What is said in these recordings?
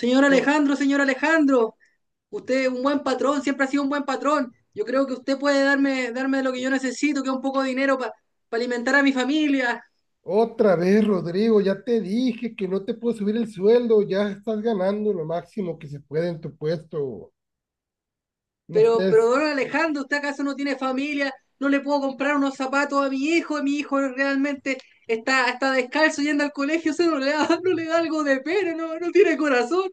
Ro- Señor Alejandro, usted es un buen patrón, siempre ha sido un buen patrón. Yo creo que usted puede darme lo que yo necesito, que es un poco de dinero para alimentar a mi familia. Otra vez, Rodrigo, ya te dije que no te puedo subir el sueldo, ya estás ganando lo máximo que se puede en tu puesto. No Pero, estés. don Alejandro, ¿usted acaso no tiene familia? No le puedo comprar unos zapatos a mi hijo realmente está descalzo yendo al colegio, o sea, no le da algo de pena, no, no tiene corazón.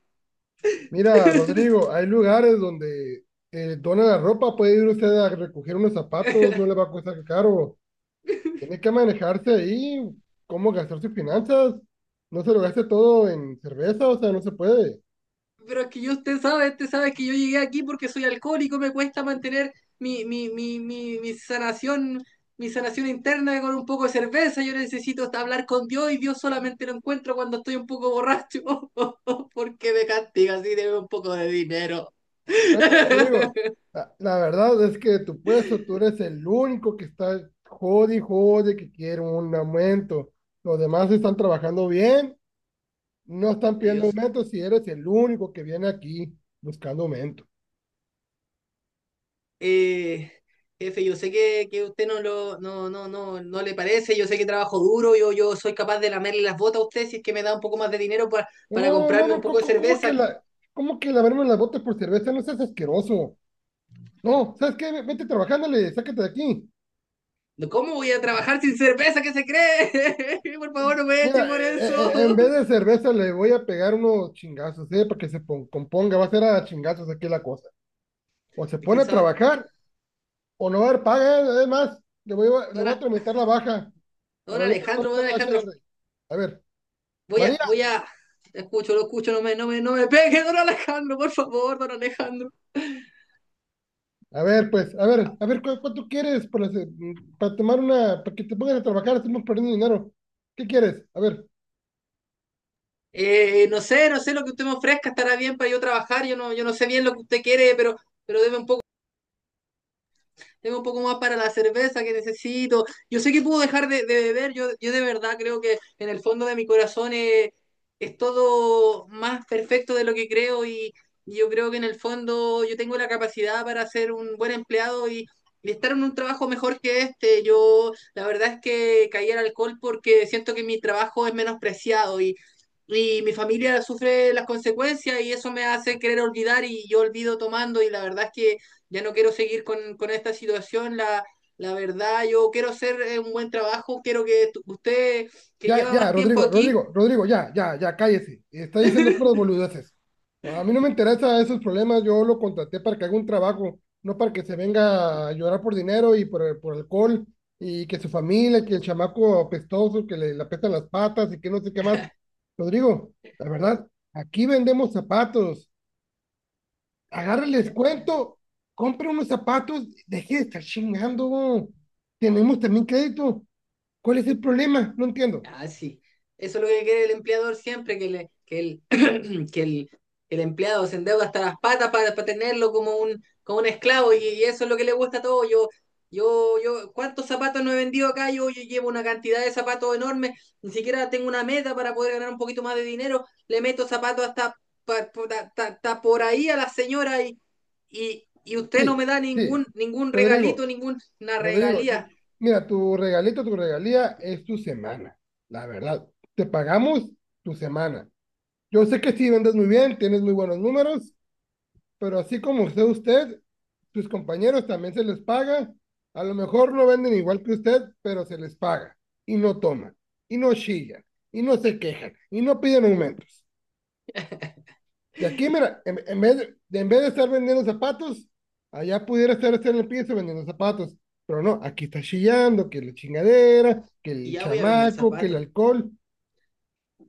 Mira, Rodrigo, hay lugares donde dona la ropa, puede ir usted a recoger unos zapatos, no le va a costar caro. Tiene que manejarse ahí, cómo gastar sus finanzas. No se lo gaste todo en cerveza, o sea, no se puede. Pero es que yo, usted sabe que yo llegué aquí porque soy alcohólico, me cuesta mantener mi sanación, mi sanación interna con un poco de cerveza. Yo necesito hasta hablar con Dios y Dios solamente lo encuentro cuando estoy un poco borracho. ¿Por qué me castiga así? Debe un poco de dinero. Bueno, Rodrigo, la verdad es que tu puesto, tú eres el único que está jode y jode que quiere un aumento. Los demás están trabajando bien, no están pidiendo Dios. aumento si eres el único que viene aquí buscando aumento. Eh, Jefe, yo sé que usted no lo, no, le parece, yo sé que trabajo duro, yo soy capaz de lamerle las botas a usted si es que me da un poco más de dinero No, para no, no, comprarme un no, poco de ¿cómo que cerveza. la, cómo que lavarme las botas por cerveza? No seas asqueroso. No, ¿sabes qué? Vete trabajándole, sácate de aquí. No, ¿cómo voy a trabajar sin cerveza? ¿Qué se cree? Por favor, no me echen Mira, por eso. en vez de cerveza le voy a pegar unos chingazos, ¿eh? Para que componga, va a ser a chingazos aquí la cosa o se Es pone que, a ¿sabe? trabajar. O no va a haber paga, además, le Don, voy a tramitar la baja. A ver, ¿dónde está don la Alejandro, HR? A ver, María, voy a. Escucho, lo escucho, no me pegue, don Alejandro, por favor, don Alejandro. a ver, pues, a ver, ¿cuánto quieres para, para tomar una, para que te pongas a trabajar? Estamos perdiendo dinero. ¿Qué quieres? A ver, No sé, no sé lo que usted me ofrezca, estará bien para yo trabajar, yo no sé bien lo que usted quiere, pero deme un poco, tengo un poco más para la cerveza que necesito. Yo sé que puedo dejar de beber, yo de verdad creo que en el fondo de mi corazón es todo más perfecto de lo que creo, y yo creo que en el fondo yo tengo la capacidad para ser un buen empleado, y estar en un trabajo mejor que este. Yo la verdad es que caí al alcohol porque siento que mi trabajo es menospreciado y mi familia sufre las consecuencias y eso me hace querer olvidar y yo olvido tomando y la verdad es que ya no quiero seguir con esta situación, la verdad, yo quiero hacer un buen trabajo, quiero que usted, que ya, lleva ya, más tiempo Rodrigo, aquí, Rodrigo, Rodrigo, ya, ya, ya, cállese. Está diciendo puras boludeces. No, a mí no me interesa esos problemas. Yo lo contraté para que haga un trabajo, no para que se venga a llorar por dinero y por alcohol y que su familia, que el chamaco apestoso, que le apestan las patas y que no sé qué más. Rodrigo, la verdad, aquí vendemos zapatos. Agarre el ya. descuento, compre unos zapatos, deje de estar chingando. Tenemos también crédito. ¿Cuál es el problema? No entiendo. Ah, sí. Eso es lo que quiere el empleador siempre, que, le, que, el, que el empleado se endeuda hasta las patas para tenerlo como un esclavo, y eso es lo que le gusta a todo. Yo, ¿cuántos zapatos no he vendido acá? Yo llevo una cantidad de zapatos enorme, ni siquiera tengo una meta para poder ganar un poquito más de dinero. Le meto zapatos hasta, pa- pa- ta- ta- ta por ahí a la señora, y usted no Sí, me da sí. Ningún regalito, Rodrigo, ninguna Rodrigo, yo- regalía. mira, tu regalito, tu regalía es tu semana, la verdad. Te pagamos tu semana. Yo sé que sí vendes muy bien, tienes muy buenos números, pero así como usted, sus compañeros también se les paga. A lo mejor no venden igual que usted, pero se les paga. Y no toman, y no chillan, y no se quejan, y no piden aumentos. Y aquí, mira, en vez de estar vendiendo zapatos, allá pudiera estar en el piso vendiendo zapatos. Pero no, aquí está chillando, que la chingadera, que Y el ya voy a vender chamaco, que el zapatos. alcohol.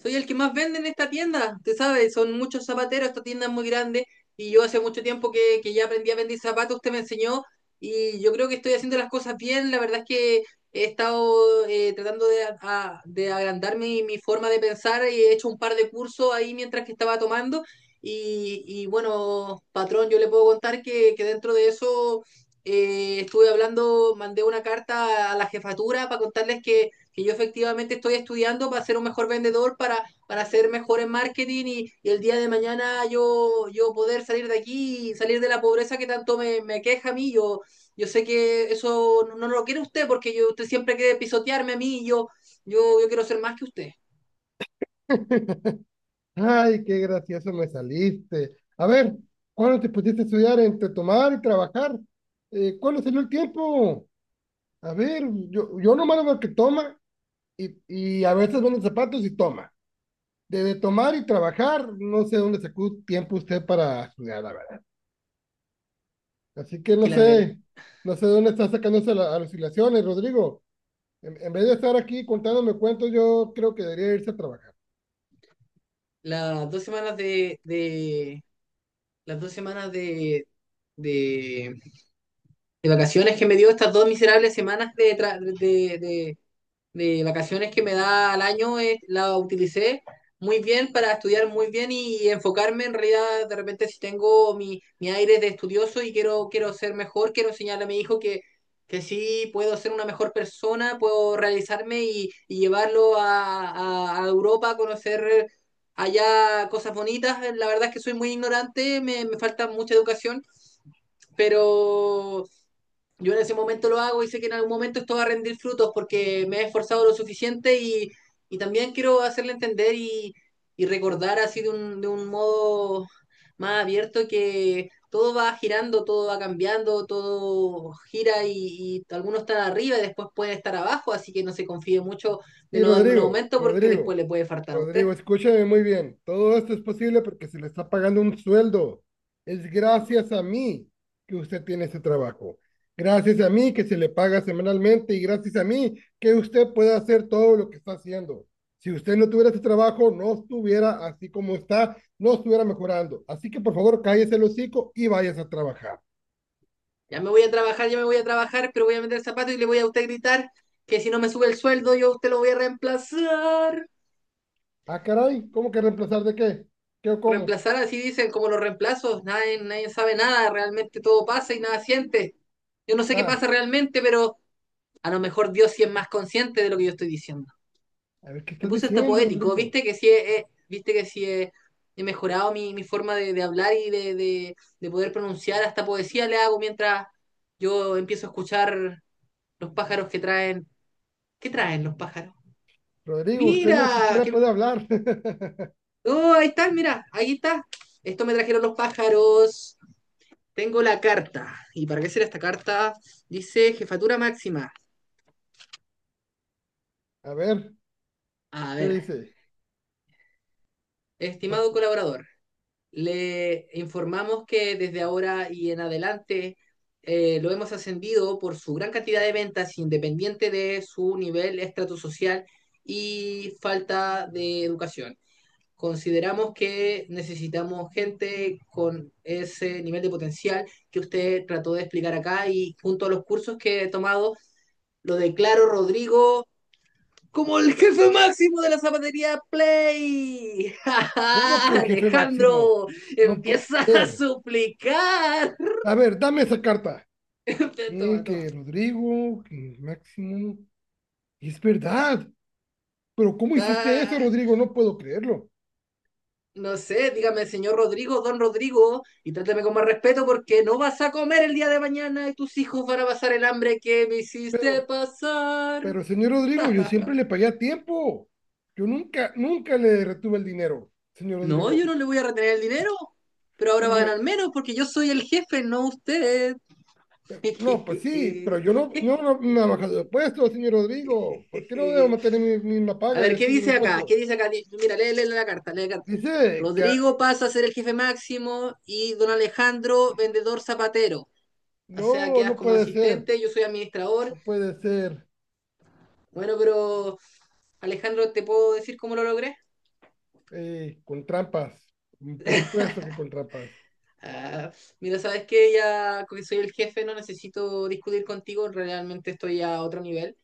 Soy el que más vende en esta tienda, te sabes, son muchos zapateros, esta tienda es muy grande y yo hace mucho tiempo que ya aprendí a vender zapatos, usted me enseñó y yo creo que estoy haciendo las cosas bien. La verdad es que he estado tratando de, de agrandar mi, mi forma de pensar, y he hecho un par de cursos ahí mientras que estaba tomando. Y y bueno, patrón, yo le puedo contar que dentro de eso estuve hablando, mandé una carta a la jefatura para contarles que yo efectivamente estoy estudiando para ser un mejor vendedor, para ser mejor en marketing, y el día de mañana yo poder salir de aquí y salir de la pobreza que tanto me queja a mí. Yo sé que eso no, no, lo quiere usted porque yo, usted siempre quiere pisotearme a mí, y yo quiero ser más que usted. Ay, qué gracioso me saliste. A ver, ¿cuándo te pusiste a estudiar entre tomar y trabajar? ¿Cuándo salió el tiempo? A ver, yo nomás lo veo que toma y, y a veces vende zapatos y toma. De tomar y trabajar, no sé dónde sacó tiempo usted para estudiar, la verdad. Así que Es no que la verdad, sé, no sé dónde están sacándose las alucinaciones, Rodrigo. En vez de estar aquí contándome cuentos, yo creo que debería irse a trabajar. las dos semanas de las dos semanas de, de vacaciones que me dio, estas dos miserables semanas de, de vacaciones que me da al año, la utilicé muy bien para estudiar muy bien y enfocarme. En realidad, de repente si tengo mi, mi aire de estudioso y quiero, quiero ser mejor, quiero enseñarle a mi hijo que sí puedo ser una mejor persona, puedo realizarme y llevarlo a Europa a conocer allá cosas bonitas. La verdad es que soy muy ignorante, me falta mucha educación, pero yo en ese momento lo hago y sé que en algún momento esto va a rendir frutos porque me he esforzado lo suficiente, y también quiero hacerle entender y recordar así de un modo más abierto que todo va girando, todo va cambiando, todo gira, y algunos están arriba y después pueden estar abajo, así que no se confíe mucho de Y no darme un Rodrigo, aumento porque Rodrigo, después le puede faltar a usted. Rodrigo, escúchame muy bien. Todo esto es posible porque se le está pagando un sueldo. Es gracias a mí que usted tiene ese trabajo. Gracias a mí que se le paga semanalmente y gracias a mí que usted puede hacer todo lo que está haciendo. Si usted no tuviera ese trabajo, no estuviera así como está, no estuviera mejorando. Así que por favor, cállese el hocico y váyase a trabajar. Ya me voy a trabajar, ya me voy a trabajar, pero voy a meter zapatos y le voy a usted gritar que si no me sube el sueldo yo a usted lo voy a reemplazar. Ah, caray, ¿cómo que reemplazar de qué? ¿Qué o cómo? Reemplazar así dicen, como los reemplazos, nadie sabe nada, realmente todo pasa y nada siente. Yo no sé qué Ah, pasa realmente, pero a lo mejor Dios sí es más consciente de lo que yo estoy diciendo. a ver, ¿qué Me estás puse hasta diciendo, poético, Rodrigo? viste que sí he, viste que sí he, he mejorado mi, mi forma de hablar y de, de poder pronunciar. Hasta poesía le hago mientras yo empiezo a escuchar los pájaros que traen. ¿Qué traen los pájaros? Rodrigo, usted no Mira, siquiera que... puede hablar. Oh, ahí están, mira, ahí está. Esto me trajeron los pájaros. Tengo la carta. ¿Y para qué será esta carta? Dice Jefatura Máxima. A ver, A ¿qué ver, dice? estimado colaborador, le informamos que desde ahora y en adelante lo hemos ascendido por su gran cantidad de ventas, independiente de su nivel estratosocial y falta de educación. Consideramos que necesitamos gente con ese nivel de potencial que usted trató de explicar acá, y junto a los cursos que he tomado, lo declaro Rodrigo como el jefe máximo de la zapatería Play. ¡Ja, ¿Cómo que ja! el jefe máximo? Alejandro No puede empieza a ser. suplicar. A ver, dame esa carta. Toma, Que toma. Rodrigo, que Máximo. Es verdad. Pero ¿cómo hiciste eso, Ah, Rodrigo? No puedo creerlo. no sé, dígame, señor Rodrigo, don Rodrigo, y trátame con más respeto porque no vas a comer el día de mañana y tus hijos van a pasar el hambre que me Pero, hiciste pasar. pero, señor Rodrigo, yo siempre le pagué a tiempo. Yo nunca, nunca le retuve el dinero, señor No, yo Rodrigo. no le voy a retener el dinero, pero ahora Pero va a me, ganar menos porque yo soy el jefe, no usted. no, pues sí, pero yo no, no me ha bajado de puesto, señor Rodrigo. ¿Por qué no debo mantener mi misma A paga? ver, Yo ¿qué sigo en dice el acá? puesto. ¿Qué dice acá? Mira, lee, lee la carta, lee la carta. Dice que Rodrigo pasa a ser el jefe máximo y don Alejandro, vendedor zapatero. O sea, no, quedas no como puede ser, asistente, yo soy administrador. no puede ser. Bueno, pero Alejandro, ¿te puedo decir cómo lo logré? Eh, con trampas, mm, por supuesto que con trampas. Ah, mira, sabes que ya que soy el jefe, no necesito discutir contigo, realmente estoy a otro nivel.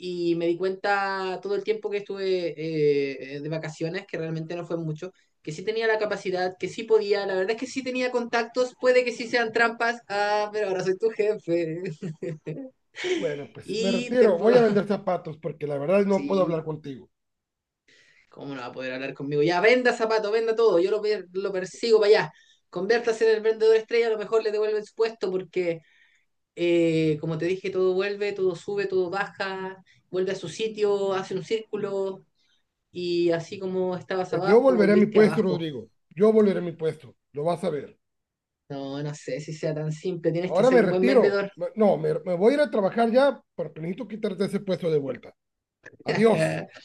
Y me di cuenta todo el tiempo que estuve de vacaciones, que realmente no fue mucho, que sí tenía la capacidad, que sí podía, la verdad es que sí tenía contactos, puede que sí sean trampas, ah, pero ahora soy tu jefe. Bueno, pues me Y te retiro, puedo... voy a vender zapatos porque la verdad no puedo hablar Sí, contigo. ¿cómo no va a poder hablar conmigo? Ya, venda zapato, venda todo, lo persigo para allá. Conviértase en el vendedor estrella, a lo mejor le devuelven su puesto porque, como te dije, todo vuelve, todo sube, todo baja, vuelve a su sitio, hace un círculo, y así como estabas Pues yo abajo, volveré a mi volviste puesto, abajo. Rodrigo. Yo volveré a mi puesto, lo vas a ver. No, no sé si sea tan simple, tienes que Ahora ser me un buen retiro. vendedor. Me- No, me voy a ir a trabajar ya, pero necesito quitarte ese puesto de vuelta. Adiós.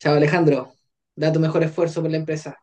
Chao Alejandro, da tu mejor esfuerzo por la empresa.